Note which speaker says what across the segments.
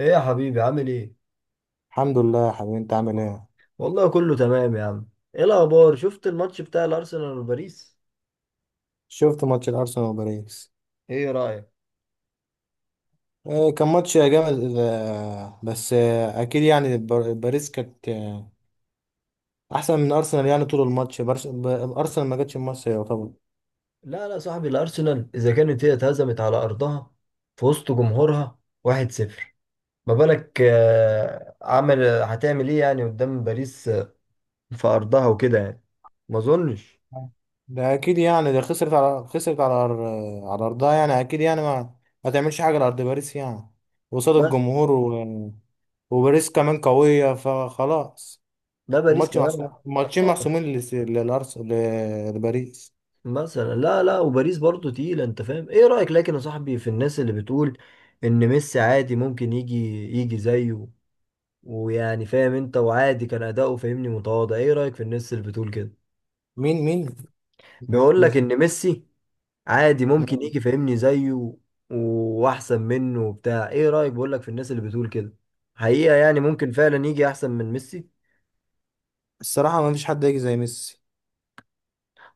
Speaker 1: ايه يا حبيبي عامل ايه؟
Speaker 2: الحمد لله يا حبيبي، انت عامل ايه؟
Speaker 1: والله كله تمام يا عم. ايه الاخبار؟ شفت الماتش بتاع الارسنال وباريس؟
Speaker 2: شفت ماتش الارسنال وباريس.
Speaker 1: ايه رأيك؟
Speaker 2: كان ماتش جامد. آه، بس آه، اكيد يعني باريس كانت احسن من ارسنال. يعني طول الماتش ارسنال ما جاتش مصر يعتبر.
Speaker 1: لا لا صاحبي، الارسنال اذا كانت هي اتهزمت على ارضها في وسط جمهورها 1-0، ما بالك، هتعمل ايه يعني قدام باريس، في ارضها وكده يعني. ما اظنش.
Speaker 2: ده اكيد يعني ده خسرت على ارضها، يعني اكيد يعني ما تعملش حاجه لارض باريس يعني، قصاد
Speaker 1: بس
Speaker 2: الجمهور وباريس كمان قويه، فخلاص
Speaker 1: ده باريس
Speaker 2: الماتش
Speaker 1: كمان
Speaker 2: محسوم، الماتشين
Speaker 1: آه،
Speaker 2: محسومين للارسنال، لباريس.
Speaker 1: مثلا لا لا، وباريس برضو تقيلة انت فاهم. ايه رأيك؟ لكن يا صاحبي في الناس اللي بتقول ان ميسي عادي ممكن يجي زيه، ويعني فاهم انت، وعادي كان اداؤه فاهمني متواضع. ايه رايك في الناس اللي بتقول كده؟
Speaker 2: مين؟
Speaker 1: بيقول لك ان ميسي عادي ممكن يجي فاهمني زيه واحسن منه وبتاع. ايه رايك؟ بقول لك في الناس اللي بتقول كده، حقيقة يعني ممكن فعلا يجي احسن من ميسي.
Speaker 2: الصراحة ما فيش حد يجي زي ميسي.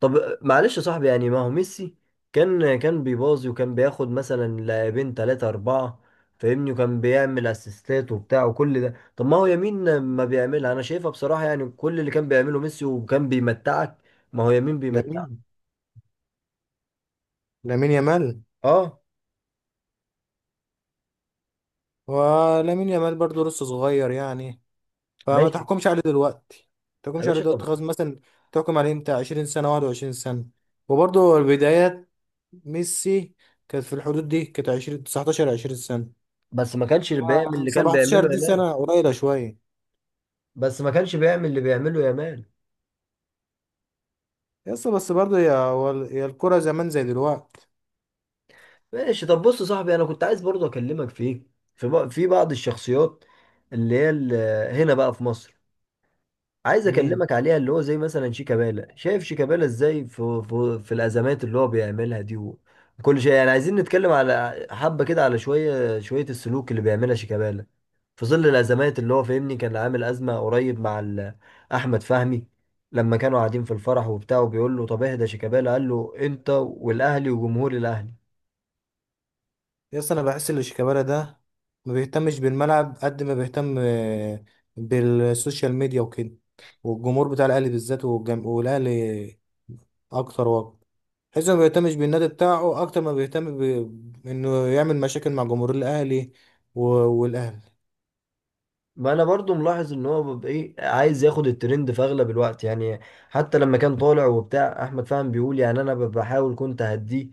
Speaker 1: طب معلش يا صاحبي، يعني ما هو ميسي كان بيباظي وكان بياخد مثلا لاعبين ثلاثة أربعة فاهمني، وكان بيعمل اسيستات وبتاع وكل ده. طب ما هو يمين ما بيعملها؟ أنا شايفها بصراحة، يعني كل اللي كان بيعمله ميسي وكان بيمتعك ما هو يمين بيمتعك.
Speaker 2: لامين لامين يامال،
Speaker 1: اه
Speaker 2: ولامين يامال برضه لسه صغير يعني، فما
Speaker 1: ماشي
Speaker 2: تحكمش عليه دلوقتي. ما
Speaker 1: يا
Speaker 2: تحكمش عليه
Speaker 1: باشا. طب
Speaker 2: دلوقتي خلاص مثلا، تحكم عليه امتى؟ 20 سنة، 21 سنة. وبرضه البدايات، ميسي كانت في الحدود دي، كانت 20، 19، 20 سنة.
Speaker 1: بس ما كانش بيعمل اللي كان
Speaker 2: 17
Speaker 1: بيعمله
Speaker 2: دي
Speaker 1: يامال.
Speaker 2: سنة قليلة شوية.
Speaker 1: بس ما كانش بيعمل اللي بيعمله يامال.
Speaker 2: يس، بس برضه يا الكرة زمان زي دلوقتي؟
Speaker 1: ماشي. طب بص يا صاحبي، أنا كنت عايز برضه أكلمك فيه، في إيه؟ في بعض الشخصيات اللي هي ال- هنا بقى في مصر، عايز
Speaker 2: مين؟
Speaker 1: اكلمك عليها، اللي هو زي مثلا شيكابالا. شايف شيكابالا ازاي في الازمات اللي هو بيعملها دي وكل شيء؟ يعني عايزين نتكلم على حبة كده، على شوية شوية السلوك اللي بيعملها شيكابالا في ظل الازمات اللي هو فاهمني. كان عامل ازمة قريب مع احمد فهمي لما كانوا قاعدين في الفرح وبتاع، وبيقول له طب اهدى شيكابالا، قال له انت والاهلي وجمهور الاهلي.
Speaker 2: يس، انا بحس ان شيكابالا ده ما بيهتمش بالملعب قد ما بيهتم بالسوشيال ميديا وكده، والجمهور بتاع الاهلي بالذات والاهلي اكتر وقت. حيث ما بيهتمش بالنادي بتاعه اكتر ما بيهتم انه يعمل مشاكل مع جمهور الاهلي والاهلي.
Speaker 1: ما انا برضو ملاحظ ان هو بيبقى ايه، عايز ياخد الترند في اغلب الوقت يعني. حتى لما كان طالع وبتاع، احمد فهمي بيقول يعني انا بحاول كنت اهديه،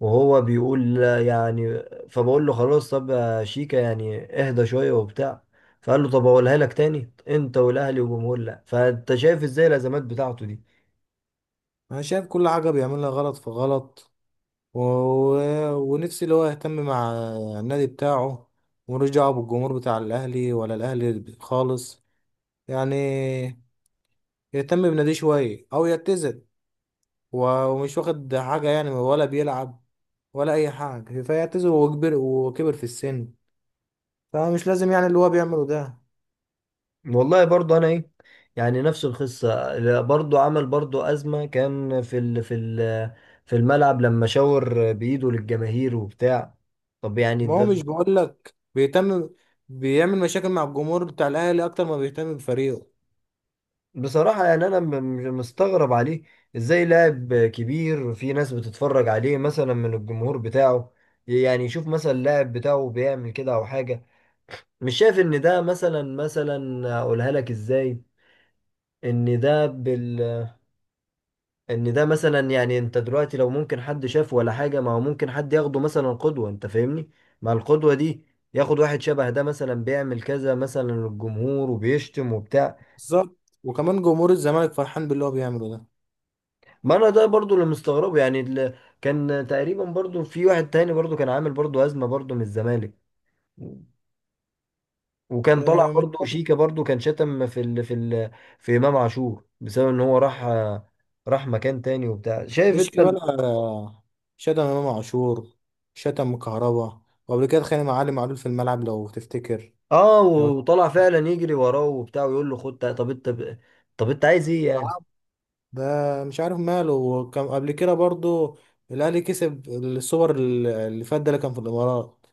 Speaker 1: وهو بيقول لا يعني، فبقول له خلاص طب يا شيكا يعني اهدى شوية وبتاع. فقال له طب اقولها لك تاني، انت والاهلي والجمهور لا. فانت شايف ازاي الازمات بتاعته دي.
Speaker 2: انا شايف كل حاجه بيعملها غلط في غلط. ونفسي اللي هو يهتم مع النادي بتاعه، ملوش دعوه بالجمهور بتاع الاهلي ولا الاهلي خالص يعني. يهتم بناديه شوية أو يعتزل. ومش واخد حاجة يعني، ولا بيلعب ولا أي حاجة، فيعتزل. وكبر وكبر في السن، فمش لازم يعني اللي هو بيعمله ده.
Speaker 1: والله برضو انا ايه، يعني نفس القصه. لا، برضو عمل برضو ازمه كان في الملعب لما شاور بايده للجماهير وبتاع. طب يعني
Speaker 2: ما هو
Speaker 1: ده
Speaker 2: مش بقولك بيهتم، بيعمل مشاكل مع الجمهور بتاع الأهلي أكتر ما بيهتم بفريقه.
Speaker 1: بصراحه يعني انا مستغرب عليه. ازاي لاعب كبير في ناس بتتفرج عليه مثلا من الجمهور بتاعه، يعني يشوف مثلا اللاعب بتاعه بيعمل كده او حاجه؟ مش شايف ان ده مثلا، اقولها لك ازاي؟ ان ده ان ده مثلا، يعني انت دلوقتي لو ممكن حد شافه ولا حاجة، ما هو ممكن حد ياخده مثلا قدوة انت فاهمني. مع القدوة دي ياخد واحد شبه ده مثلا بيعمل كذا مثلا للجمهور وبيشتم وبتاع.
Speaker 2: بالظبط، وكمان جمهور الزمالك فرحان باللي هو بيعمله ده.
Speaker 1: ما انا ده برضو اللي مستغربه، يعني اللي كان تقريبا برضو في واحد تاني برضو كان عامل برضو أزمة برضو من الزمالك، وكان طالع
Speaker 2: آه، مش
Speaker 1: برضو شيكا برضو كان شتم في إمام عاشور بسبب ان هو راح مكان تاني وبتاع. شايف
Speaker 2: مش
Speaker 1: انت؟
Speaker 2: كمان شتم إمام عاشور، شتم كهربا، وقبل كده اتخانق مع علي معلول في الملعب لو تفتكر.
Speaker 1: اه
Speaker 2: لو
Speaker 1: وطلع فعلا يجري وراه وبتاع ويقول له خد طب طب انت عايز ايه يعني؟
Speaker 2: ده مش عارف ماله. وكان قبل كده برضو الاهلي كسب السوبر اللي فات ده، اللي كان في الامارات،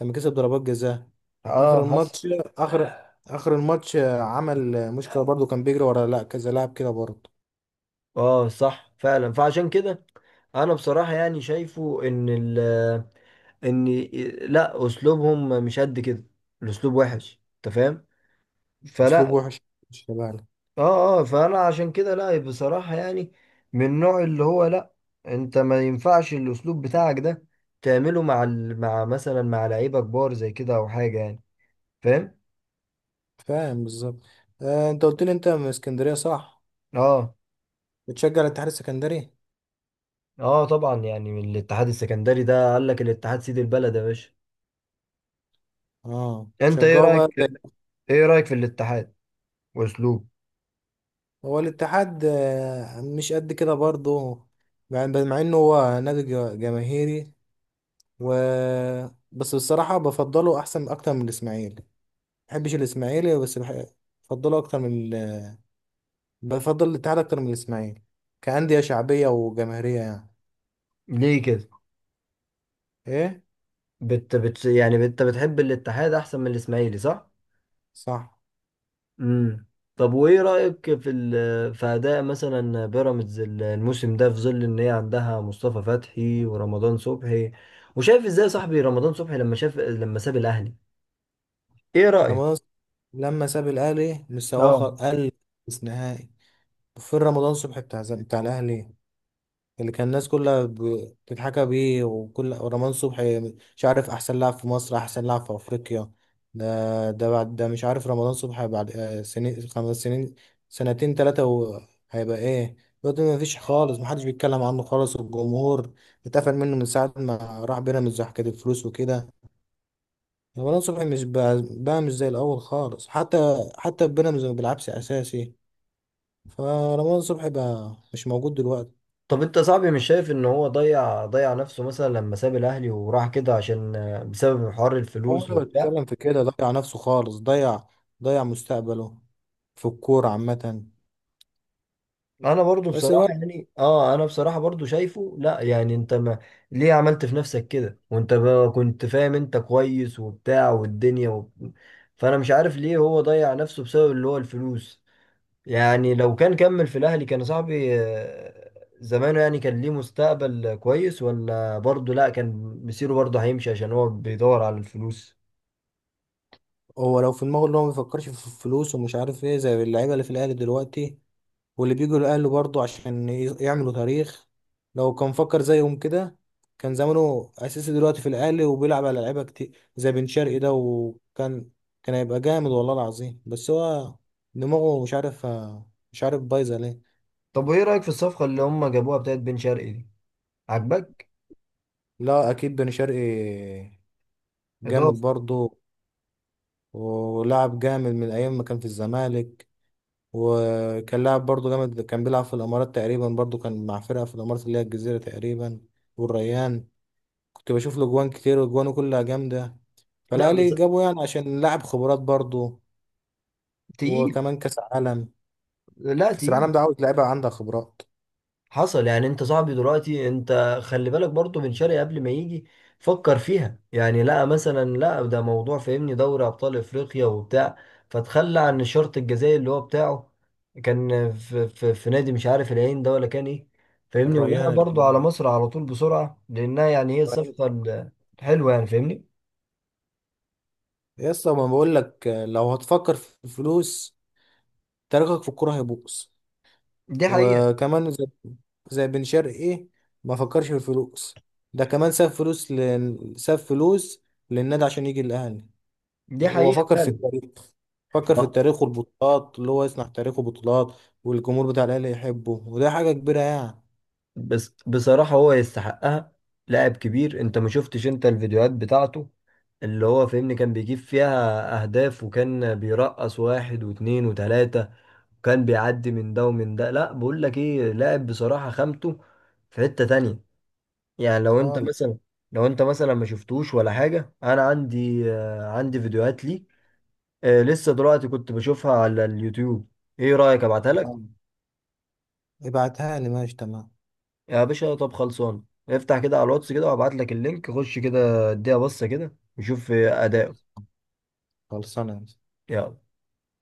Speaker 2: لما كسب ضربات جزاء
Speaker 1: اه
Speaker 2: اخر
Speaker 1: حصل.
Speaker 2: الماتش. اخر الماتش عمل مشكله برضو، كان بيجري ورا لا كذا لاعب كده برضو.
Speaker 1: اه صح فعلا. فعشان كده انا بصراحة يعني شايفه ان ال ان لا اسلوبهم مش قد كده. الاسلوب وحش انت فاهم.
Speaker 2: اسلوب
Speaker 1: فلا.
Speaker 2: وحش، مش تبعنا.
Speaker 1: اه اه فانا عشان كده لا بصراحة يعني، من النوع اللي هو لا، انت ما ينفعش الاسلوب بتاعك ده تعمله مع مع مثلا مع لعيبة كبار زي كده او حاجة يعني. فاهم.
Speaker 2: فاهم بالظبط. آه، انت قلت لي انت من اسكندريه، صح؟
Speaker 1: اه
Speaker 2: بتشجع الاتحاد السكندري.
Speaker 1: اه طبعا يعني من الاتحاد السكندري. ده قال لك الاتحاد سيد البلد يا باشا.
Speaker 2: اه،
Speaker 1: انت ايه
Speaker 2: شجعه بقى
Speaker 1: رايك؟ ايه رايك في الاتحاد واسلوب؟
Speaker 2: هو الاتحاد مش قد كده برضو، مع انه هو نادي جماهيري. و بس بصراحة بفضله أحسن أكتر من الإسماعيلي. ما بحبش الإسماعيلي، بفضله أكتر من بفضل الاتحاد أكتر من الإسماعيلي كأندية شعبية وجماهيرية يعني.
Speaker 1: ليه كده؟
Speaker 2: إيه؟
Speaker 1: بت بت يعني انت بتحب الاتحاد احسن من الاسماعيلي صح؟
Speaker 2: صح.
Speaker 1: امم. طب وايه رايك في اداء مثلا بيراميدز الموسم ده، في ظل ان هي عندها مصطفى فتحي ورمضان صبحي؟ وشايف ازاي يا صاحبي رمضان صبحي، لما ساب الاهلي؟ ايه رايك؟
Speaker 2: رمضان ص- لما ساب الأهلي، مستواه
Speaker 1: اه.
Speaker 2: قل في نهائي. وفين رمضان صبحي بتاع بتاع الأهلي، اللي كان الناس كلها بتتحكى بيه، وكل ورمضان صبحي مش عارف احسن لاعب في مصر، احسن لاعب في افريقيا؟ ده، ده بعد ده مش عارف رمضان صبحي بعد سنين، خمس سنين، سنتين، ثلاثة، هيبقى ايه؟ دلوقتي ما فيش خالص، محدش بيتكلم عنه خالص. والجمهور اتقفل منه من ساعة ما راح بيراميدز وحكاية الفلوس وكده. رمضان صبحي مش بقى مش زي الأول خالص، حتى في بيراميدز ما بيلعبش أساسي. فرمضان صبحي بقى مش موجود دلوقتي.
Speaker 1: طب انت صاحبي مش شايف ان هو ضيع نفسه مثلا لما ساب الاهلي وراح كده عشان، بسبب حوار
Speaker 2: هو
Speaker 1: الفلوس
Speaker 2: اللي
Speaker 1: وبتاع؟
Speaker 2: بيتكلم في كده ضيع نفسه خالص، ضيع مستقبله في الكورة عامة.
Speaker 1: انا برضو
Speaker 2: بس
Speaker 1: بصراحة
Speaker 2: برضه
Speaker 1: يعني اه، انا بصراحة برضو شايفه لا، يعني انت ما ليه عملت في نفسك كده، وانت بقى كنت فاهم انت كويس وبتاع والدنيا و... فانا مش عارف ليه هو ضيع نفسه بسبب اللي هو الفلوس. يعني لو كان كمل في الاهلي كان صاحبي، زمانه، يعني كان ليه مستقبل كويس، ولا برضو لا كان مسيره برضو هيمشي عشان هو بيدور على الفلوس؟
Speaker 2: هو لو في دماغه اللي هو ما بيفكرش في الفلوس ومش عارف ايه، زي اللعيبة اللي في الأهلي دلوقتي واللي بيجوا الأهلي برضه عشان يعملوا تاريخ، لو كان فكر زيهم كده، كان زمانه أساسي دلوقتي في الأهلي وبيلعب على لعيبة كتير زي بن شرقي ده. وكان كان هيبقى جامد والله العظيم. بس هو دماغه مش عارف، مش عارف بايظة ليه.
Speaker 1: طب وايه رأيك في الصفقة اللي هم جابوها بتاعت بن شرقي دي؟ عجبك؟
Speaker 2: لا أكيد بن شرقي جامد
Speaker 1: اضافة.
Speaker 2: برضه، ولاعب جامد من ايام ما كان في الزمالك. وكان لاعب برضه جامد، كان بيلعب في الامارات تقريبا برضه، كان مع فرقه في الامارات اللي هي الجزيره تقريبا، والريان. كنت بشوف له جوان كتير وجوانه كلها جامده.
Speaker 1: لا
Speaker 2: فالاهلي
Speaker 1: بس
Speaker 2: جابه يعني عشان لاعب خبرات برضه.
Speaker 1: تقيل.
Speaker 2: وكمان كاس عالم.
Speaker 1: لا
Speaker 2: كاس
Speaker 1: تقيل.
Speaker 2: العالم ده عاوز لعيبه عندها خبرات.
Speaker 1: حصل. يعني انت صاحبي دلوقتي، انت خلي بالك برضو بن شرقي قبل ما يجي فكر فيها، يعني لا مثلا لا، ده موضوع فاهمني دوري ابطال افريقيا وبتاع، فتخلى عن الشرط الجزائي اللي هو بتاعه. كان في نادي مش عارف العين ده ولا كان ايه فاهمني، وجاء
Speaker 2: الريان،
Speaker 1: برضو على
Speaker 2: الإمام.
Speaker 1: مصر على طول بسرعة لانها يعني هي الصفقة الحلوة يعني فاهمني.
Speaker 2: يا اسطى، ما بقول لك لو هتفكر في الفلوس، تاريخك في الكوره هيبوظ.
Speaker 1: دي حقيقة.
Speaker 2: وكمان زي زي بن شرقي ما فكرش في الفلوس. ده كمان ساب فلوس للنادي عشان يجي الاهلي،
Speaker 1: دي
Speaker 2: وهو
Speaker 1: حقيقة
Speaker 2: فكر في
Speaker 1: فعلا.
Speaker 2: التاريخ. فكر في التاريخ والبطولات، اللي هو يصنع تاريخه بطولات والجمهور بتاع الاهلي يحبه، وده حاجه كبيره يعني.
Speaker 1: بس بصراحة هو يستحقها. لاعب كبير، انت ما شفتش انت الفيديوهات بتاعته اللي هو فاهمني؟ كان بيجيب فيها اهداف، وكان بيرقص واحد واتنين وتلاتة، وكان بيعدي من ده ومن ده. لا بقول لك ايه، لاعب بصراحة خامته في حتة تانية يعني. لو انت
Speaker 2: خالص.
Speaker 1: مثلا، ما شفتوش ولا حاجة. انا عندي فيديوهات ليه، لسه دلوقتي كنت بشوفها على اليوتيوب. ايه رأيك ابعتها لك؟
Speaker 2: ابعتها لي، ماشي، تمام.
Speaker 1: يا باشا طب خلصان. افتح كده على الواتس كده وابعت لك اللينك، خش كده اديها بصة كده وشوف اداؤه.
Speaker 2: خلصانه.
Speaker 1: يلا.